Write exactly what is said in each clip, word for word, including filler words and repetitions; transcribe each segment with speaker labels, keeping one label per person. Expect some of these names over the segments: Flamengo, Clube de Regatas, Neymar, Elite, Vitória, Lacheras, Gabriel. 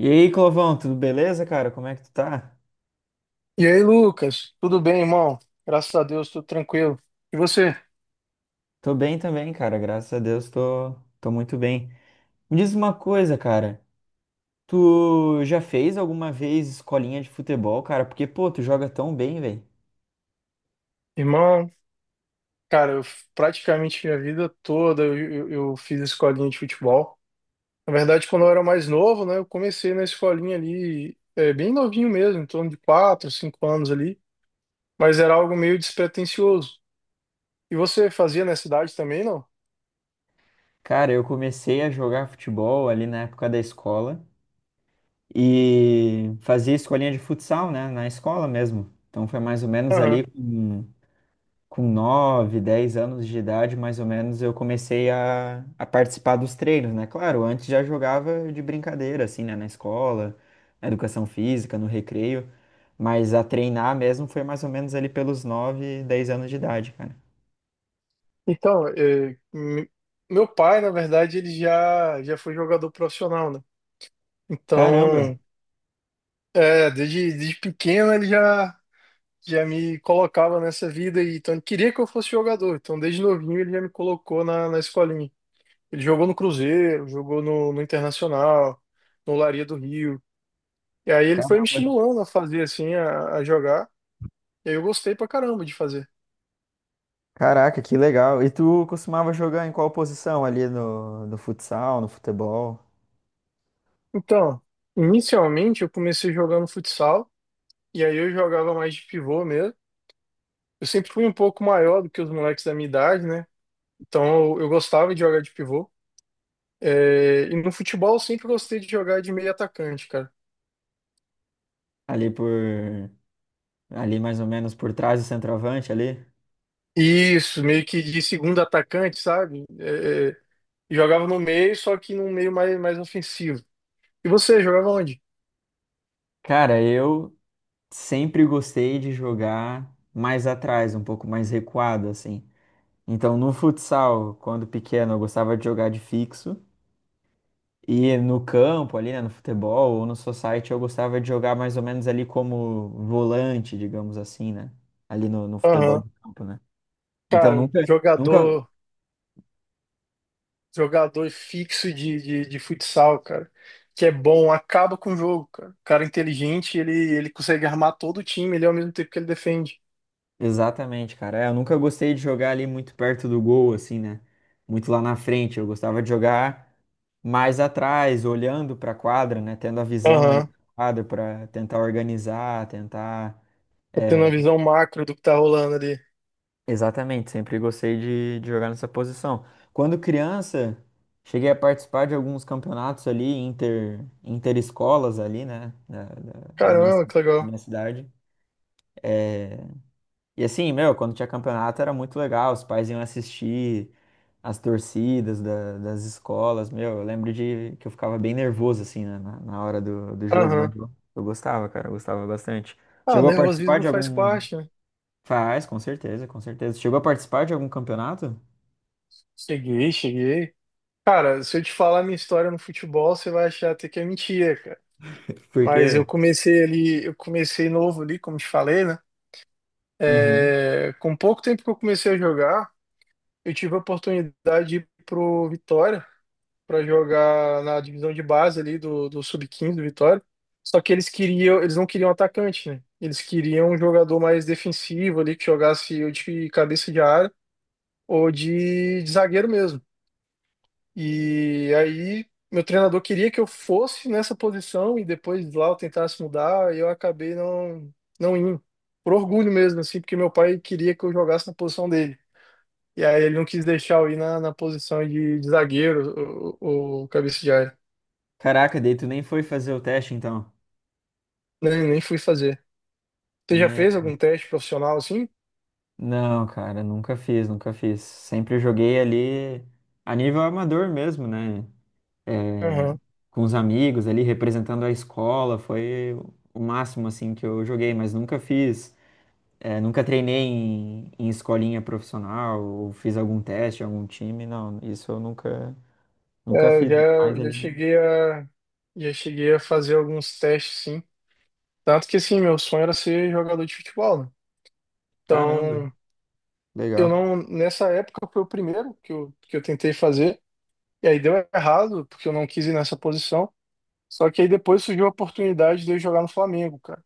Speaker 1: E aí, Clovão, tudo beleza, cara? Como é que tu tá?
Speaker 2: E aí, Lucas? Tudo bem, irmão? Graças a Deus, tudo tranquilo. E você?
Speaker 1: Tô bem também, cara. Graças a Deus, tô, tô muito bem. Me diz uma coisa, cara. Tu já fez alguma vez escolinha de futebol, cara? Porque, pô, tu joga tão bem, velho.
Speaker 2: Irmão, cara, eu f- praticamente minha vida toda eu, eu, eu fiz escolinha de futebol. Na verdade, quando eu era mais novo, né, eu comecei na escolinha ali, é, bem novinho mesmo, em torno de quatro, cinco anos ali, mas era algo meio despretensioso. E você fazia nessa idade também, não?
Speaker 1: Cara, eu comecei a jogar futebol ali na época da escola e fazia escolinha de futsal, né? Na escola mesmo. Então foi mais ou menos
Speaker 2: Aham.
Speaker 1: ali. com com nove dez anos de idade, mais ou menos, eu comecei a, a participar dos treinos, né? Claro, antes já jogava de brincadeira, assim, né? Na escola, na educação física, no recreio, mas a treinar mesmo foi mais ou menos ali pelos nove dez anos de idade, cara.
Speaker 2: Então, é, me- meu pai, na verdade, ele já, já foi jogador profissional, né?
Speaker 1: Caramba!
Speaker 2: Então. É, desde, desde pequeno ele já, já me colocava nessa vida e então ele queria que eu fosse jogador. Então desde novinho ele já me colocou na, na escolinha. Ele jogou no Cruzeiro, jogou no, no Internacional, no Laria do Rio. E aí ele foi me
Speaker 1: Caramba!
Speaker 2: estimulando a fazer assim, a, a jogar. E aí eu gostei pra caramba de fazer.
Speaker 1: Caraca, que legal. E tu costumava jogar em qual posição ali no, no futsal, no futebol?
Speaker 2: Então, inicialmente eu comecei jogando futsal e aí eu jogava mais de pivô mesmo. Eu sempre fui um pouco maior do que os moleques da minha idade, né? Então eu eu gostava de jogar de pivô. É, e no futebol eu sempre gostei de jogar de meio atacante, cara.
Speaker 1: Ali por. Ali mais ou menos por trás do centroavante ali?
Speaker 2: Isso, meio que de segundo atacante, sabe? É, é, jogava no meio, só que num meio mais, mais ofensivo. E você, jogava onde?
Speaker 1: Cara, eu sempre gostei de jogar mais atrás, um pouco mais recuado, assim. Então, no futsal, quando pequeno, eu gostava de jogar de fixo. E no campo, ali, né, no futebol ou no society, eu gostava de jogar mais ou menos ali como volante, digamos assim, né? Ali no, no futebol
Speaker 2: Aham.
Speaker 1: de campo, né? Então,
Speaker 2: Cara,
Speaker 1: nunca, nunca.
Speaker 2: jogador, jogador fixo de, de, de futsal, cara, que é bom, acaba com o jogo, cara. Cara é inteligente, ele, ele consegue armar todo o time, ele ao mesmo tempo que ele defende.
Speaker 1: Exatamente, cara. É, eu nunca gostei de jogar ali muito perto do gol, assim, né? Muito lá na frente. Eu gostava de jogar mais atrás, olhando para a quadra, né? Tendo a visão ali. Uhum.
Speaker 2: Aham.
Speaker 1: Da quadra para tentar organizar, tentar.
Speaker 2: Tá tendo uma
Speaker 1: É,
Speaker 2: visão macro do que tá rolando ali.
Speaker 1: exatamente, sempre gostei de, de jogar nessa posição. Quando criança, cheguei a participar de alguns campeonatos ali, inter, interescolas ali, né? Da, da, da minha,
Speaker 2: Caramba,
Speaker 1: ci-
Speaker 2: que
Speaker 1: da
Speaker 2: legal.
Speaker 1: minha cidade. eh, E assim, meu, quando tinha campeonato era muito legal, os pais iam assistir as torcidas da- das escolas, meu, eu lembro de que eu ficava bem nervoso, assim, né, na, na hora do, do jogo,
Speaker 2: Aham.
Speaker 1: mas eu, eu gostava, cara, eu gostava bastante.
Speaker 2: Ah,
Speaker 1: Chegou a participar
Speaker 2: nervosismo
Speaker 1: de
Speaker 2: faz
Speaker 1: algum...
Speaker 2: parte, né?
Speaker 1: Faz, com certeza, com certeza. Chegou a participar de algum campeonato?
Speaker 2: Cheguei, cheguei. Cara, se eu te falar minha história no futebol, você vai achar até que é mentira, cara. Mas
Speaker 1: Porque...
Speaker 2: eu comecei ali, eu comecei novo ali, como te falei, né?
Speaker 1: Uhum.
Speaker 2: É, com pouco tempo que eu comecei a jogar, eu tive a oportunidade de ir pro Vitória para jogar na divisão de base ali do, do sub quinze do Vitória. Só que eles queriam, eles não queriam atacante, né? Eles queriam um jogador mais defensivo ali que jogasse ou de cabeça de área ou de de zagueiro mesmo. E aí, meu treinador queria que eu fosse nessa posição e depois lá eu tentasse mudar, e eu acabei não, não indo. Por orgulho mesmo, assim, porque meu pai queria que eu jogasse na posição dele. E aí ele não quis deixar eu ir na, na posição de, de zagueiro, o, o cabeça de área.
Speaker 1: Caraca, daí tu nem foi fazer o teste, então.
Speaker 2: Nem, nem fui fazer. Você já
Speaker 1: É.
Speaker 2: fez algum teste profissional assim?
Speaker 1: Não, cara, nunca fiz, nunca fiz. Sempre joguei ali a nível amador mesmo, né? eh,
Speaker 2: Aham.
Speaker 1: com os amigos ali, representando a escola, foi o máximo assim que eu joguei, mas nunca fiz, eh, nunca treinei em, em escolinha profissional, ou fiz algum teste, em algum time, não, isso eu nunca, nunca
Speaker 2: É, eu
Speaker 1: fiz, ainda mais
Speaker 2: já, já
Speaker 1: ali. No-
Speaker 2: cheguei a, já cheguei a fazer alguns testes, sim. Tanto que, assim, meu sonho era ser jogador de futebol, né?
Speaker 1: Caramba,
Speaker 2: Então, eu
Speaker 1: legal.
Speaker 2: não. Nessa época foi o primeiro que eu, que eu tentei fazer. E aí deu errado, porque eu não quis ir nessa posição. Só que aí depois surgiu a oportunidade de eu jogar no Flamengo, cara.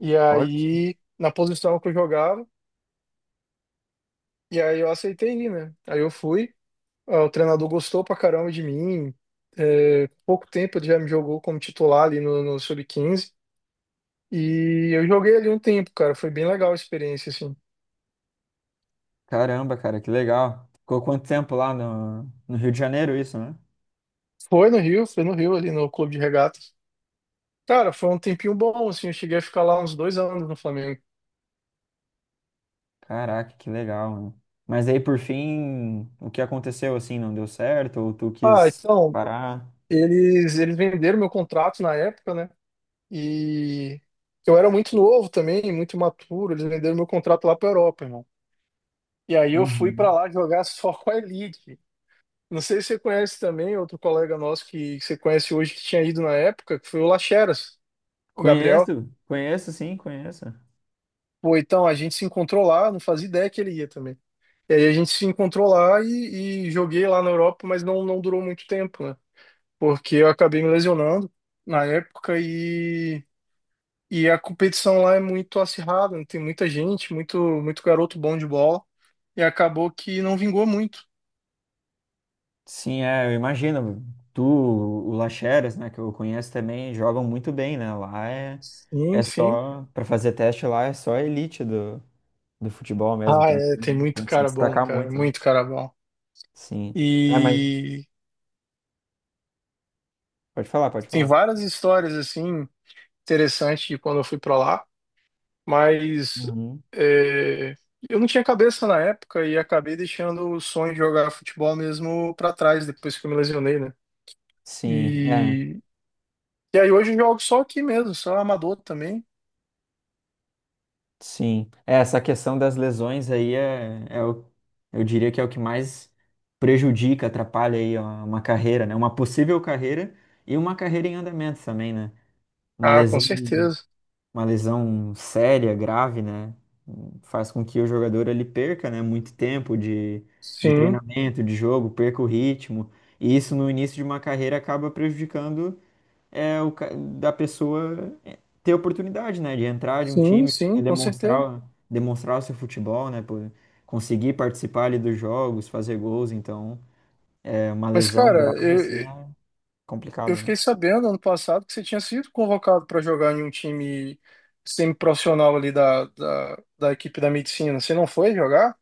Speaker 2: E
Speaker 1: Olha só.
Speaker 2: aí, na posição que eu jogava, e aí eu aceitei ir, né? Aí eu fui, ah, o treinador gostou pra caramba de mim. É, pouco tempo ele já me jogou como titular ali no, no sub Quinze. E eu joguei ali um tempo, cara. Foi bem legal a experiência, assim.
Speaker 1: Caramba, cara, que legal. Ficou quanto tempo lá no, no Rio de Janeiro isso, né?
Speaker 2: Foi no Rio, foi no Rio, ali no Clube de Regatas. Cara, foi um tempinho bom, assim, eu cheguei a ficar lá uns dois anos no Flamengo.
Speaker 1: Caraca, que legal, mano. Mas aí, por fim, o que aconteceu, assim, não deu certo? Ou tu
Speaker 2: Ah,
Speaker 1: quis
Speaker 2: então,
Speaker 1: parar?
Speaker 2: eles, eles venderam meu contrato na época, né? E eu era muito novo também, muito imaturo, eles venderam meu contrato lá pra Europa, irmão. E aí eu fui pra
Speaker 1: Uhum.
Speaker 2: lá jogar só com a Elite. Não sei se você conhece também, outro colega nosso que, que você conhece hoje que tinha ido na época, que foi o Lacheras, o Gabriel.
Speaker 1: Conheço, conheço sim, conheço.
Speaker 2: Pô, então, a gente se encontrou lá, não fazia ideia que ele ia também. E aí a gente se encontrou lá e, e joguei lá na Europa, mas não, não durou muito tempo, né? Porque eu acabei me lesionando na época e, e a competição lá é muito acirrada, né? Tem muita gente, muito, muito garoto bom de bola, e acabou que não vingou muito.
Speaker 1: Sim, é, eu imagino. Tu, o Lacheras, né, que eu conheço também, jogam muito bem, né? Lá é, é
Speaker 2: Sim, sim.
Speaker 1: só, para fazer teste lá, é só a elite do, do futebol mesmo.
Speaker 2: Ah,
Speaker 1: Tem
Speaker 2: é,
Speaker 1: que,
Speaker 2: tem muito
Speaker 1: tem que se
Speaker 2: cara bom,
Speaker 1: destacar
Speaker 2: cara,
Speaker 1: muito, né?
Speaker 2: muito cara bom.
Speaker 1: Sim. É, mas
Speaker 2: E
Speaker 1: pode falar, pode
Speaker 2: tem
Speaker 1: falar.
Speaker 2: várias histórias, assim, interessantes de quando eu fui pra lá, mas
Speaker 1: Uhum.
Speaker 2: é, eu não tinha cabeça na época e acabei deixando o sonho de jogar futebol mesmo pra trás, depois que eu me lesionei, né?
Speaker 1: Sim, é.
Speaker 2: E E aí hoje eu jogo só aqui mesmo, só amador também.
Speaker 1: Sim, é, essa questão das lesões aí é, é o, eu diria que é o que mais prejudica, atrapalha aí ó, uma carreira, né? Uma possível carreira e uma carreira em andamento também, né? Uma
Speaker 2: Ah, com
Speaker 1: lesão,
Speaker 2: certeza.
Speaker 1: uma lesão séria, grave, né? Faz com que o jogador ele perca, né? Muito tempo de, de
Speaker 2: Sim,
Speaker 1: treinamento, de jogo, perca o ritmo. E isso no início de uma carreira acaba prejudicando é o ca- da pessoa ter oportunidade, né, de entrar de um
Speaker 2: sim,
Speaker 1: time, poder
Speaker 2: sim, com certeza.
Speaker 1: demonstrar, demonstrar o seu futebol, né, por conseguir participar ali dos jogos, fazer gols, então é uma
Speaker 2: Mas,
Speaker 1: lesão
Speaker 2: cara,
Speaker 1: grave assim
Speaker 2: eu,
Speaker 1: é
Speaker 2: eu
Speaker 1: complicado, né?
Speaker 2: fiquei sabendo ano passado que você tinha sido convocado para jogar em um time semi-profissional ali da, da, da equipe da medicina. Você não foi jogar?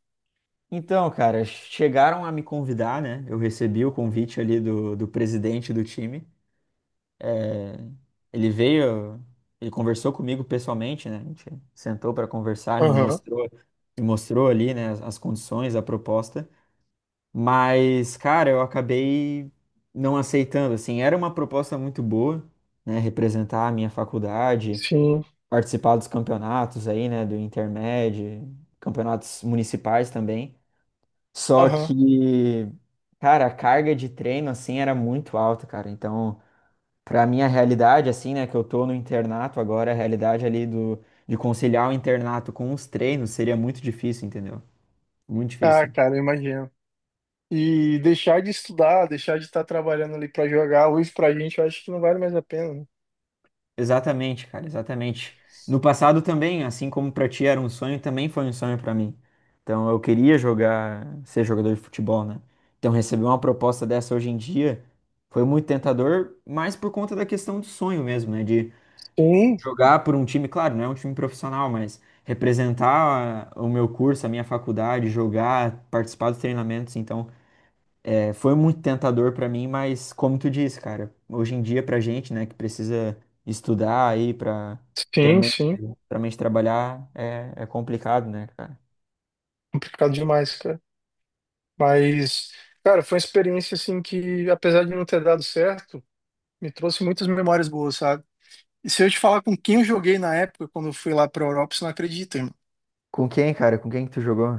Speaker 1: Então, cara, chegaram a me convidar, né? Eu recebi o convite ali do, do presidente do time. Ele veio, ele conversou comigo pessoalmente, né? A gente sentou para conversar, ele me
Speaker 2: Aham,
Speaker 1: mostrou, me mostrou ali, né, as as condições, a proposta. Mas, cara, eu acabei não aceitando, assim, era uma proposta muito boa, né, representar a minha faculdade,
Speaker 2: sim,
Speaker 1: participar dos campeonatos aí, né, do Intermed, campeonatos municipais também. Só
Speaker 2: aham.
Speaker 1: que, cara, a carga de treino assim era muito alta, cara. Então, pra minha realidade assim, né, que eu tô no internato agora, a realidade ali do de conciliar o internato com os treinos seria muito difícil, entendeu? Muito
Speaker 2: Ah,
Speaker 1: difícil.
Speaker 2: cara, eu imagino. E deixar de estudar, deixar de estar trabalhando ali para jogar, hoje pra gente eu acho que não vale mais a pena, né?
Speaker 1: Exatamente, cara, exatamente. No passado também, assim como pra ti era um sonho, também foi um sonho pra mim. Então eu queria jogar, ser jogador de futebol, né? Então receber uma proposta dessa hoje em dia foi muito tentador, mas por conta da questão do sonho mesmo, né? De
Speaker 2: Sim,
Speaker 1: jogar por um time, claro, não é um time profissional, mas representar a- o meu curso, a minha faculdade, jogar, participar dos treinamentos, então é, foi muito tentador pra mim, mas como tu disse, cara, hoje em dia pra gente, né, que precisa estudar aí pra
Speaker 2: sim,
Speaker 1: futuramente,
Speaker 2: sim.
Speaker 1: futuramente trabalhar, é, é complicado, né, cara?
Speaker 2: Complicado demais, cara. Mas, cara, foi uma experiência assim que, apesar de não ter dado certo, me trouxe muitas memórias boas, sabe? E se eu te falar com quem eu joguei na época, quando eu fui lá pra Europa, você não acredita, irmão.
Speaker 1: Com quem, cara? Com quem que tu jogou?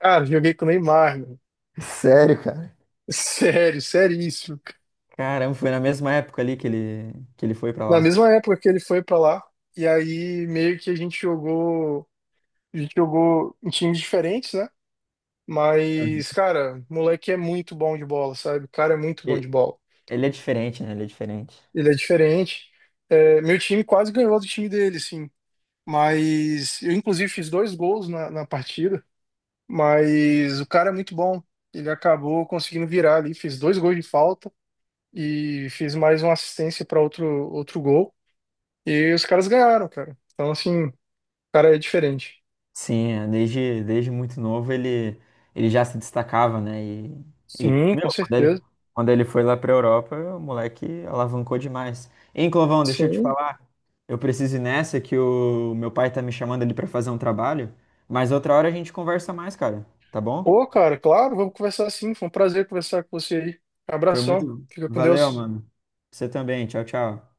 Speaker 2: Cara, eu joguei com o Neymar, meu.
Speaker 1: Sério, cara?
Speaker 2: Sério, seríssimo.
Speaker 1: Caramba, foi na mesma época ali que ele, que ele foi pra
Speaker 2: Na
Speaker 1: lá.
Speaker 2: mesma época que ele foi pra lá, e aí meio que a gente jogou, a gente jogou em times diferentes, né?
Speaker 1: Uhum.
Speaker 2: Mas, cara, o moleque é muito bom de bola, sabe? O cara é muito bom de
Speaker 1: Ele,
Speaker 2: bola.
Speaker 1: ele é diferente, né? Ele é diferente.
Speaker 2: Ele é diferente. É, meu time quase ganhou do time dele, assim. Mas eu, inclusive, fiz dois gols na, na partida. Mas o cara é muito bom. Ele acabou conseguindo virar ali. Fiz dois gols de falta e fiz mais uma assistência para outro, outro gol. E os caras ganharam, cara. Então, assim, o cara é diferente.
Speaker 1: Sim, é, desde, desde muito novo ele, ele já se destacava, né? E, e
Speaker 2: Sim, com
Speaker 1: meu, quando ele,
Speaker 2: certeza.
Speaker 1: quando ele foi lá pra Europa, o moleque alavancou demais. Hein, Clovão, deixa eu te
Speaker 2: Sim.
Speaker 1: falar, eu preciso ir nessa que o meu pai tá me chamando ali pra fazer um trabalho, mas outra hora a gente conversa mais, cara, tá bom?
Speaker 2: Pô, cara, claro, vamos conversar sim. Foi um prazer conversar com você aí.
Speaker 1: Foi
Speaker 2: Abração.
Speaker 1: muito.
Speaker 2: Fica com
Speaker 1: Valeu,
Speaker 2: Deus.
Speaker 1: mano. Você também, tchau, tchau.